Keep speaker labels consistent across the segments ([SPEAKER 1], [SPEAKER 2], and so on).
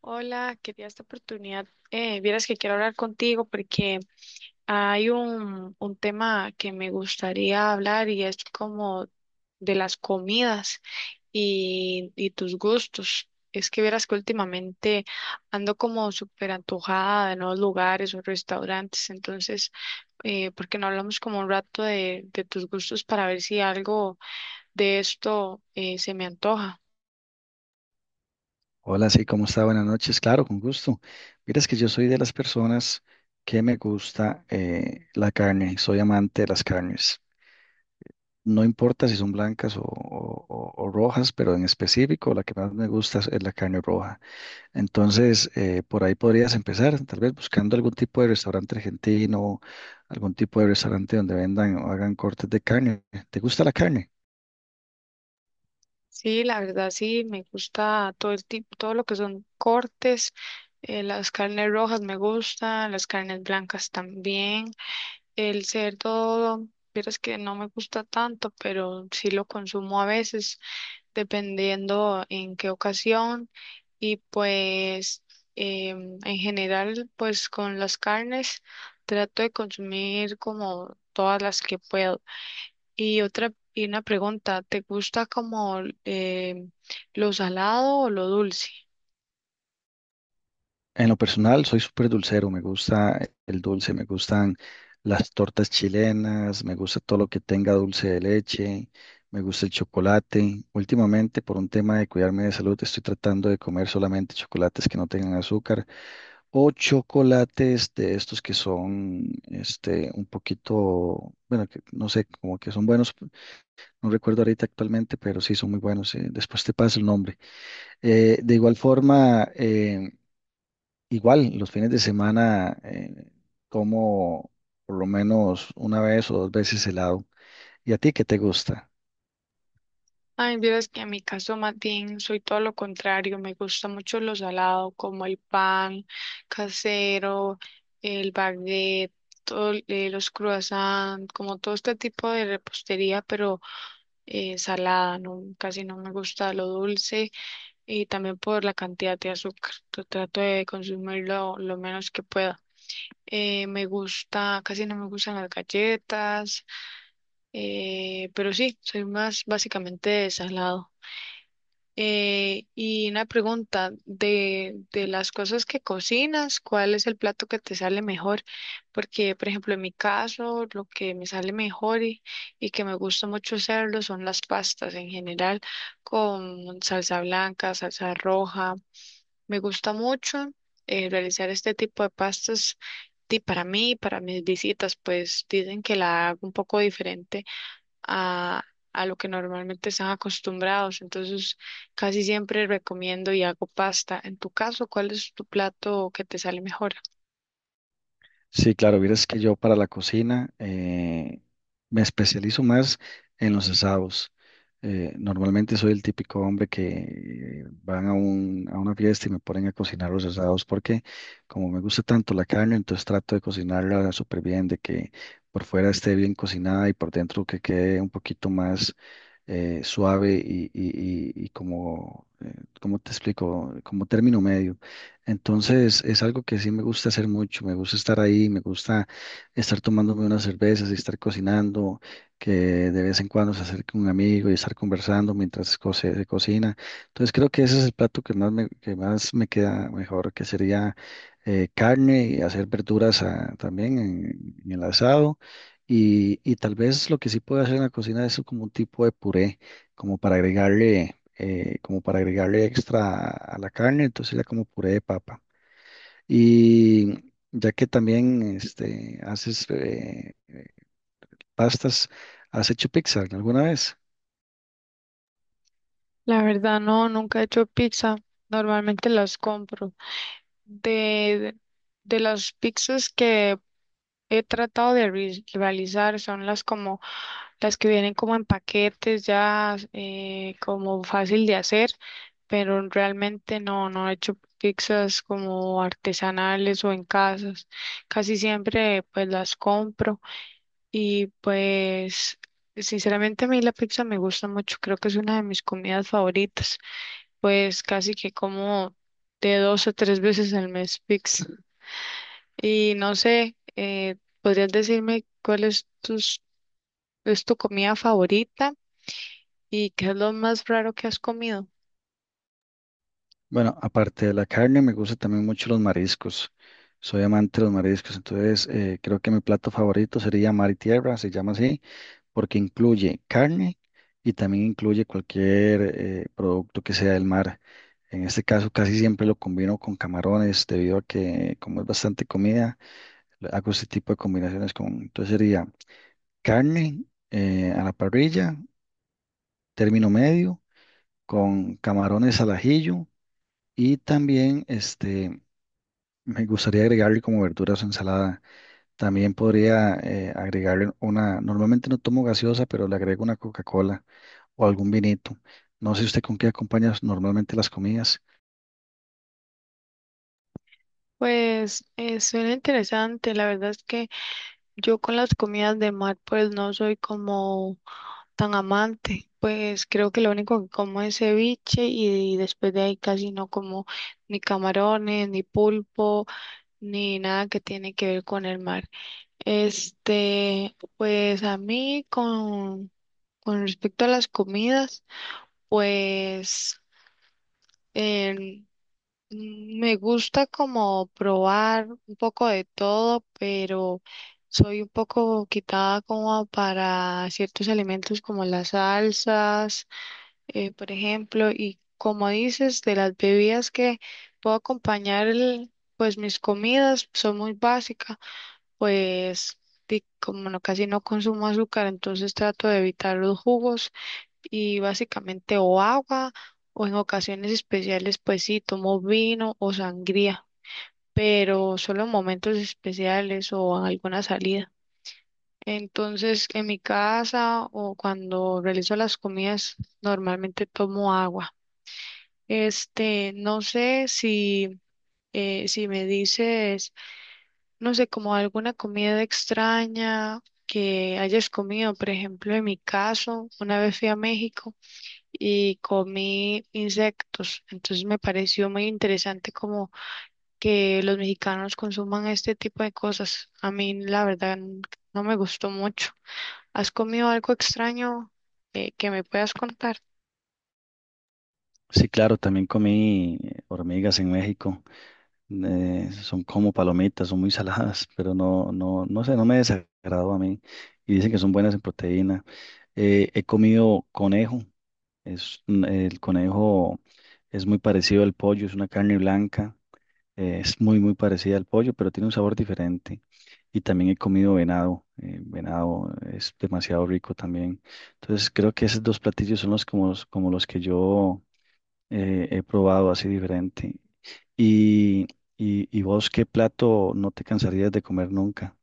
[SPEAKER 1] Hola, quería esta oportunidad. Vieras que quiero hablar contigo porque hay un tema que me gustaría hablar y es como de las comidas y tus gustos. Es que vieras que últimamente ando como súper antojada de nuevos lugares o restaurantes, entonces, ¿por qué no hablamos como un rato de tus gustos para ver si algo de esto se me antoja?
[SPEAKER 2] Hola, sí, ¿cómo está? Buenas noches. Claro, con gusto. Mira, es que yo soy de las personas que me gusta la carne, soy amante de las carnes. No importa si son blancas o rojas, pero en específico la que más me gusta es la carne roja. Entonces, por ahí podrías empezar, tal vez buscando algún tipo de restaurante argentino, algún tipo de restaurante donde vendan o hagan cortes de carne. ¿Te gusta la carne?
[SPEAKER 1] Sí, la verdad sí, me gusta todo el tipo, todo lo que son cortes, las carnes rojas me gustan, las carnes blancas también, el cerdo, vieras que no me gusta tanto, pero sí lo consumo a veces, dependiendo en qué ocasión y pues en general, pues con las carnes trato de consumir como todas las que puedo. Y otra, y una pregunta, ¿te gusta como eh, lo salado o lo dulce?
[SPEAKER 2] En lo personal, soy súper dulcero, me gusta el dulce, me gustan las tortas chilenas, me gusta todo lo que tenga dulce de leche, me gusta el chocolate. Últimamente, por un tema de cuidarme de salud, estoy tratando de comer solamente chocolates que no tengan azúcar o chocolates de estos que son, este, un poquito, bueno, que no sé, como que son buenos, no recuerdo ahorita actualmente, pero sí son muy buenos. Después te paso el nombre. De igual forma, igual, los fines de semana como por lo menos una vez o dos veces helado. ¿Y a ti qué te gusta?
[SPEAKER 1] Ay, vieras que en mi caso, Matín, soy todo lo contrario, me gusta mucho lo salado, como el pan casero, el baguette, todo, los croissants, como todo este tipo de repostería, pero salada, no, casi no me gusta lo dulce y también por la cantidad de azúcar, yo trato de consumirlo lo menos que pueda. Me gusta, casi no me gustan las galletas, pero sí, soy más básicamente de salado. Y una pregunta, de las cosas que cocinas, ¿cuál es el plato que te sale mejor? Porque, por ejemplo, en mi caso, lo que me sale mejor y que me gusta mucho hacerlo son las pastas en general, con salsa blanca, salsa roja. Me gusta mucho realizar este tipo de pastas y para mí y para mis visitas, pues dicen que la hago un poco diferente a, a lo que normalmente están acostumbrados. Entonces, casi siempre recomiendo y hago pasta. En tu caso, ¿cuál es tu plato que te sale mejor?
[SPEAKER 2] Sí, claro, vieras que yo para la cocina me especializo más en los asados. Normalmente soy el típico hombre que van a una fiesta y me ponen a cocinar los asados porque como me gusta tanto la carne, entonces trato de cocinarla súper bien, de que por fuera esté bien cocinada y por dentro que quede un poquito más suave y como, ¿cómo te explico? Como término medio. Entonces es algo que sí me gusta hacer mucho, me gusta estar ahí, me gusta estar tomándome unas cervezas y estar cocinando, que de vez en cuando se acerque un amigo y estar conversando mientras se cocina. Entonces creo que ese es el plato que más me queda mejor, que sería carne y hacer verduras ah, también en el asado. Y tal vez lo que sí puedo hacer en la cocina es como un tipo de puré, como para agregarle como para agregarle extra a la carne, entonces la como puré de papa. Y ya que también este, haces pastas, ¿has hecho pizza alguna vez?
[SPEAKER 1] La verdad, no, nunca he hecho pizza. Normalmente las compro. De, de las pizzas que he tratado de re- realizar son las como las que vienen como en paquetes ya, como fácil de hacer, pero realmente no, no he hecho pizzas como artesanales o en casas. Casi siempre pues las compro y pues sinceramente a mí la pizza me gusta mucho, creo que es una de mis comidas favoritas, pues casi que como de dos a tres veces al mes pizza. Y no sé, ¿podrías decirme cuál es es tu comida favorita? ¿Y qué es lo más raro que has comido?
[SPEAKER 2] Bueno, aparte de la carne, me gustan también mucho los mariscos. Soy amante de los mariscos, entonces creo que mi plato favorito sería mar y tierra, se llama así. Porque incluye carne y también incluye cualquier producto que sea del mar. En este caso casi siempre lo combino con camarones debido a que como es bastante comida, le hago este tipo de combinaciones con, entonces sería carne a la parrilla, término medio, con camarones al ajillo y también este, me gustaría agregarle como verduras o ensalada. También podría agregarle una, normalmente no tomo gaseosa, pero le agrego una Coca-Cola o algún vinito. No sé usted con qué acompaña normalmente las comidas.
[SPEAKER 1] Pues suena interesante. La verdad es que yo con las comidas de mar pues no soy como tan amante. Pues creo que lo único que como es ceviche y, después de ahí casi no como ni camarones, ni pulpo, ni nada que tiene que ver con el mar. Este, pues a mí con respecto a las comidas, pues... Mm, me gusta como probar un poco de todo, pero soy un poco quitada como para ciertos alimentos como las salsas, por ejemplo, y como dices, de las bebidas que puedo acompañar pues mis comidas son muy básicas, pues como no, casi no consumo azúcar, entonces trato de evitar los jugos y básicamente o agua o en ocasiones especiales pues sí tomo vino o sangría, pero solo en momentos especiales o en alguna salida. Entonces en mi casa o cuando realizo las comidas normalmente tomo agua. Este, no sé si si me dices, no sé, como alguna comida extraña que hayas comido, por ejemplo, en mi caso, una vez fui a México y comí insectos. Entonces me pareció muy interesante como que los mexicanos consuman este tipo de cosas. A mí la verdad no me gustó mucho. ¿Has comido algo extraño que me puedas contar?
[SPEAKER 2] Sí, claro, también comí hormigas en México. Son como palomitas, son muy saladas, pero no, no, no sé, no me desagradó a mí. Y dicen que son buenas en proteína. He comido conejo. Es, el conejo es muy parecido al pollo, es una carne blanca. Es muy, muy parecida al pollo, pero tiene un sabor diferente. Y también he comido venado. Venado es demasiado rico también. Entonces creo que esos dos platillos son los como, los- como los que yo he probado así diferente. Y, y vos, ¿qué plato no te cansarías de comer nunca?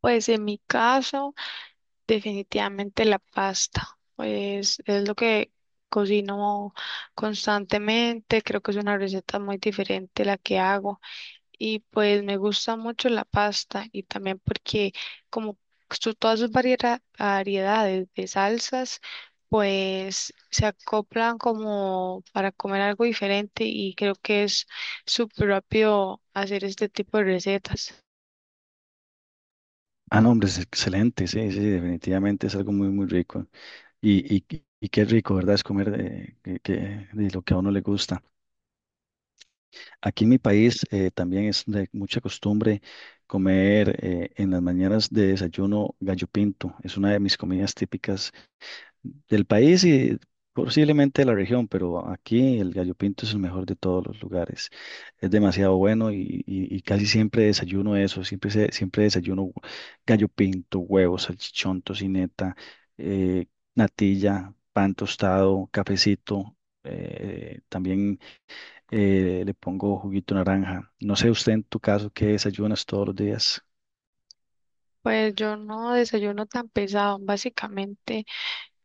[SPEAKER 1] Pues en mi caso, definitivamente la pasta. Pues es lo que cocino constantemente. Creo que es una receta muy diferente la que hago. Y pues me gusta mucho la pasta y también porque como todas sus variedades de salsas, pues se acoplan como para comer algo diferente y creo que es súper rápido hacer este tipo de recetas.
[SPEAKER 2] Ah, no, hombre, es excelente, sí, sí, definitivamente es algo muy, muy rico. Y, y, y qué rico, ¿verdad? Es comer de lo que a uno le gusta. Aquí en mi país también es de mucha costumbre comer en las mañanas de desayuno gallo pinto. Es una de mis comidas típicas del país y posiblemente de la región, pero aquí el gallo pinto es el mejor de todos los lugares. Es demasiado bueno y casi siempre desayuno eso, siempre, siempre desayuno gallo pinto, huevos, salchichón, tocineta, eh, natilla, pan tostado, cafecito. También le pongo juguito de naranja. No sé usted en tu caso qué desayunas todos los días.
[SPEAKER 1] Pues yo no desayuno tan pesado, básicamente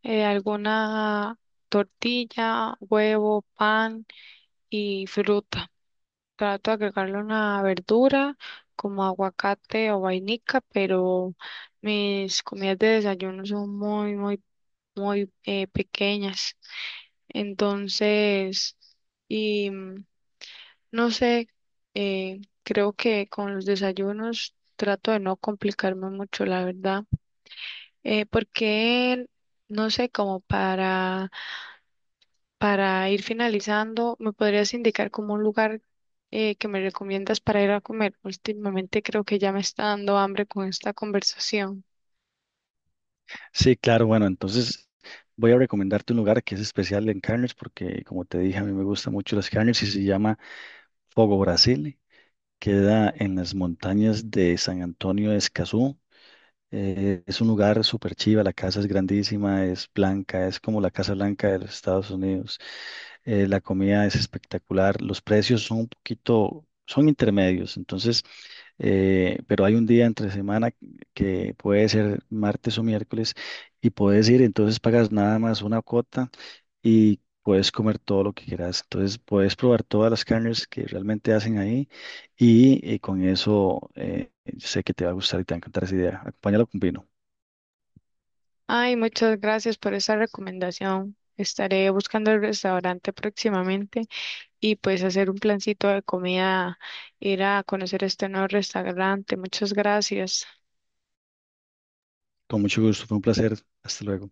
[SPEAKER 1] alguna tortilla, huevo, pan y fruta. Trato de agregarle una verdura como aguacate o vainica, pero mis comidas de desayuno son muy, muy, muy pequeñas. Entonces, y no sé, creo que con los desayunos trato de no complicarme mucho, la verdad, porque no sé, como para ir finalizando, ¿me podrías indicar como un lugar que me recomiendas para ir a comer? Últimamente creo que ya me está dando hambre con esta conversación.
[SPEAKER 2] Sí, claro, bueno, entonces voy a recomendarte un lugar que es especial en carnes porque como te dije, a mí me gustan mucho las carnes y se llama Fogo Brasil. Queda en las montañas de San Antonio de Escazú. Es un lugar súper chiva, la casa es grandísima, es blanca, es como la Casa Blanca de los Estados Unidos. La comida es espectacular, los precios son un poquito, son intermedios, entonces, pero hay un día entre semana que puede ser martes o miércoles y puedes ir, entonces pagas nada más una cuota y puedes comer todo lo que quieras. Entonces puedes probar todas las carnes que realmente hacen ahí y con eso sé que te va a gustar y te va a encantar esa idea. Acompáñalo con vino.
[SPEAKER 1] Ay, muchas gracias por esa recomendación. Estaré buscando el restaurante próximamente y pues hacer un plancito de comida, ir a conocer este nuevo restaurante. Muchas gracias.
[SPEAKER 2] Con mucho gusto, fue un placer. Hasta luego.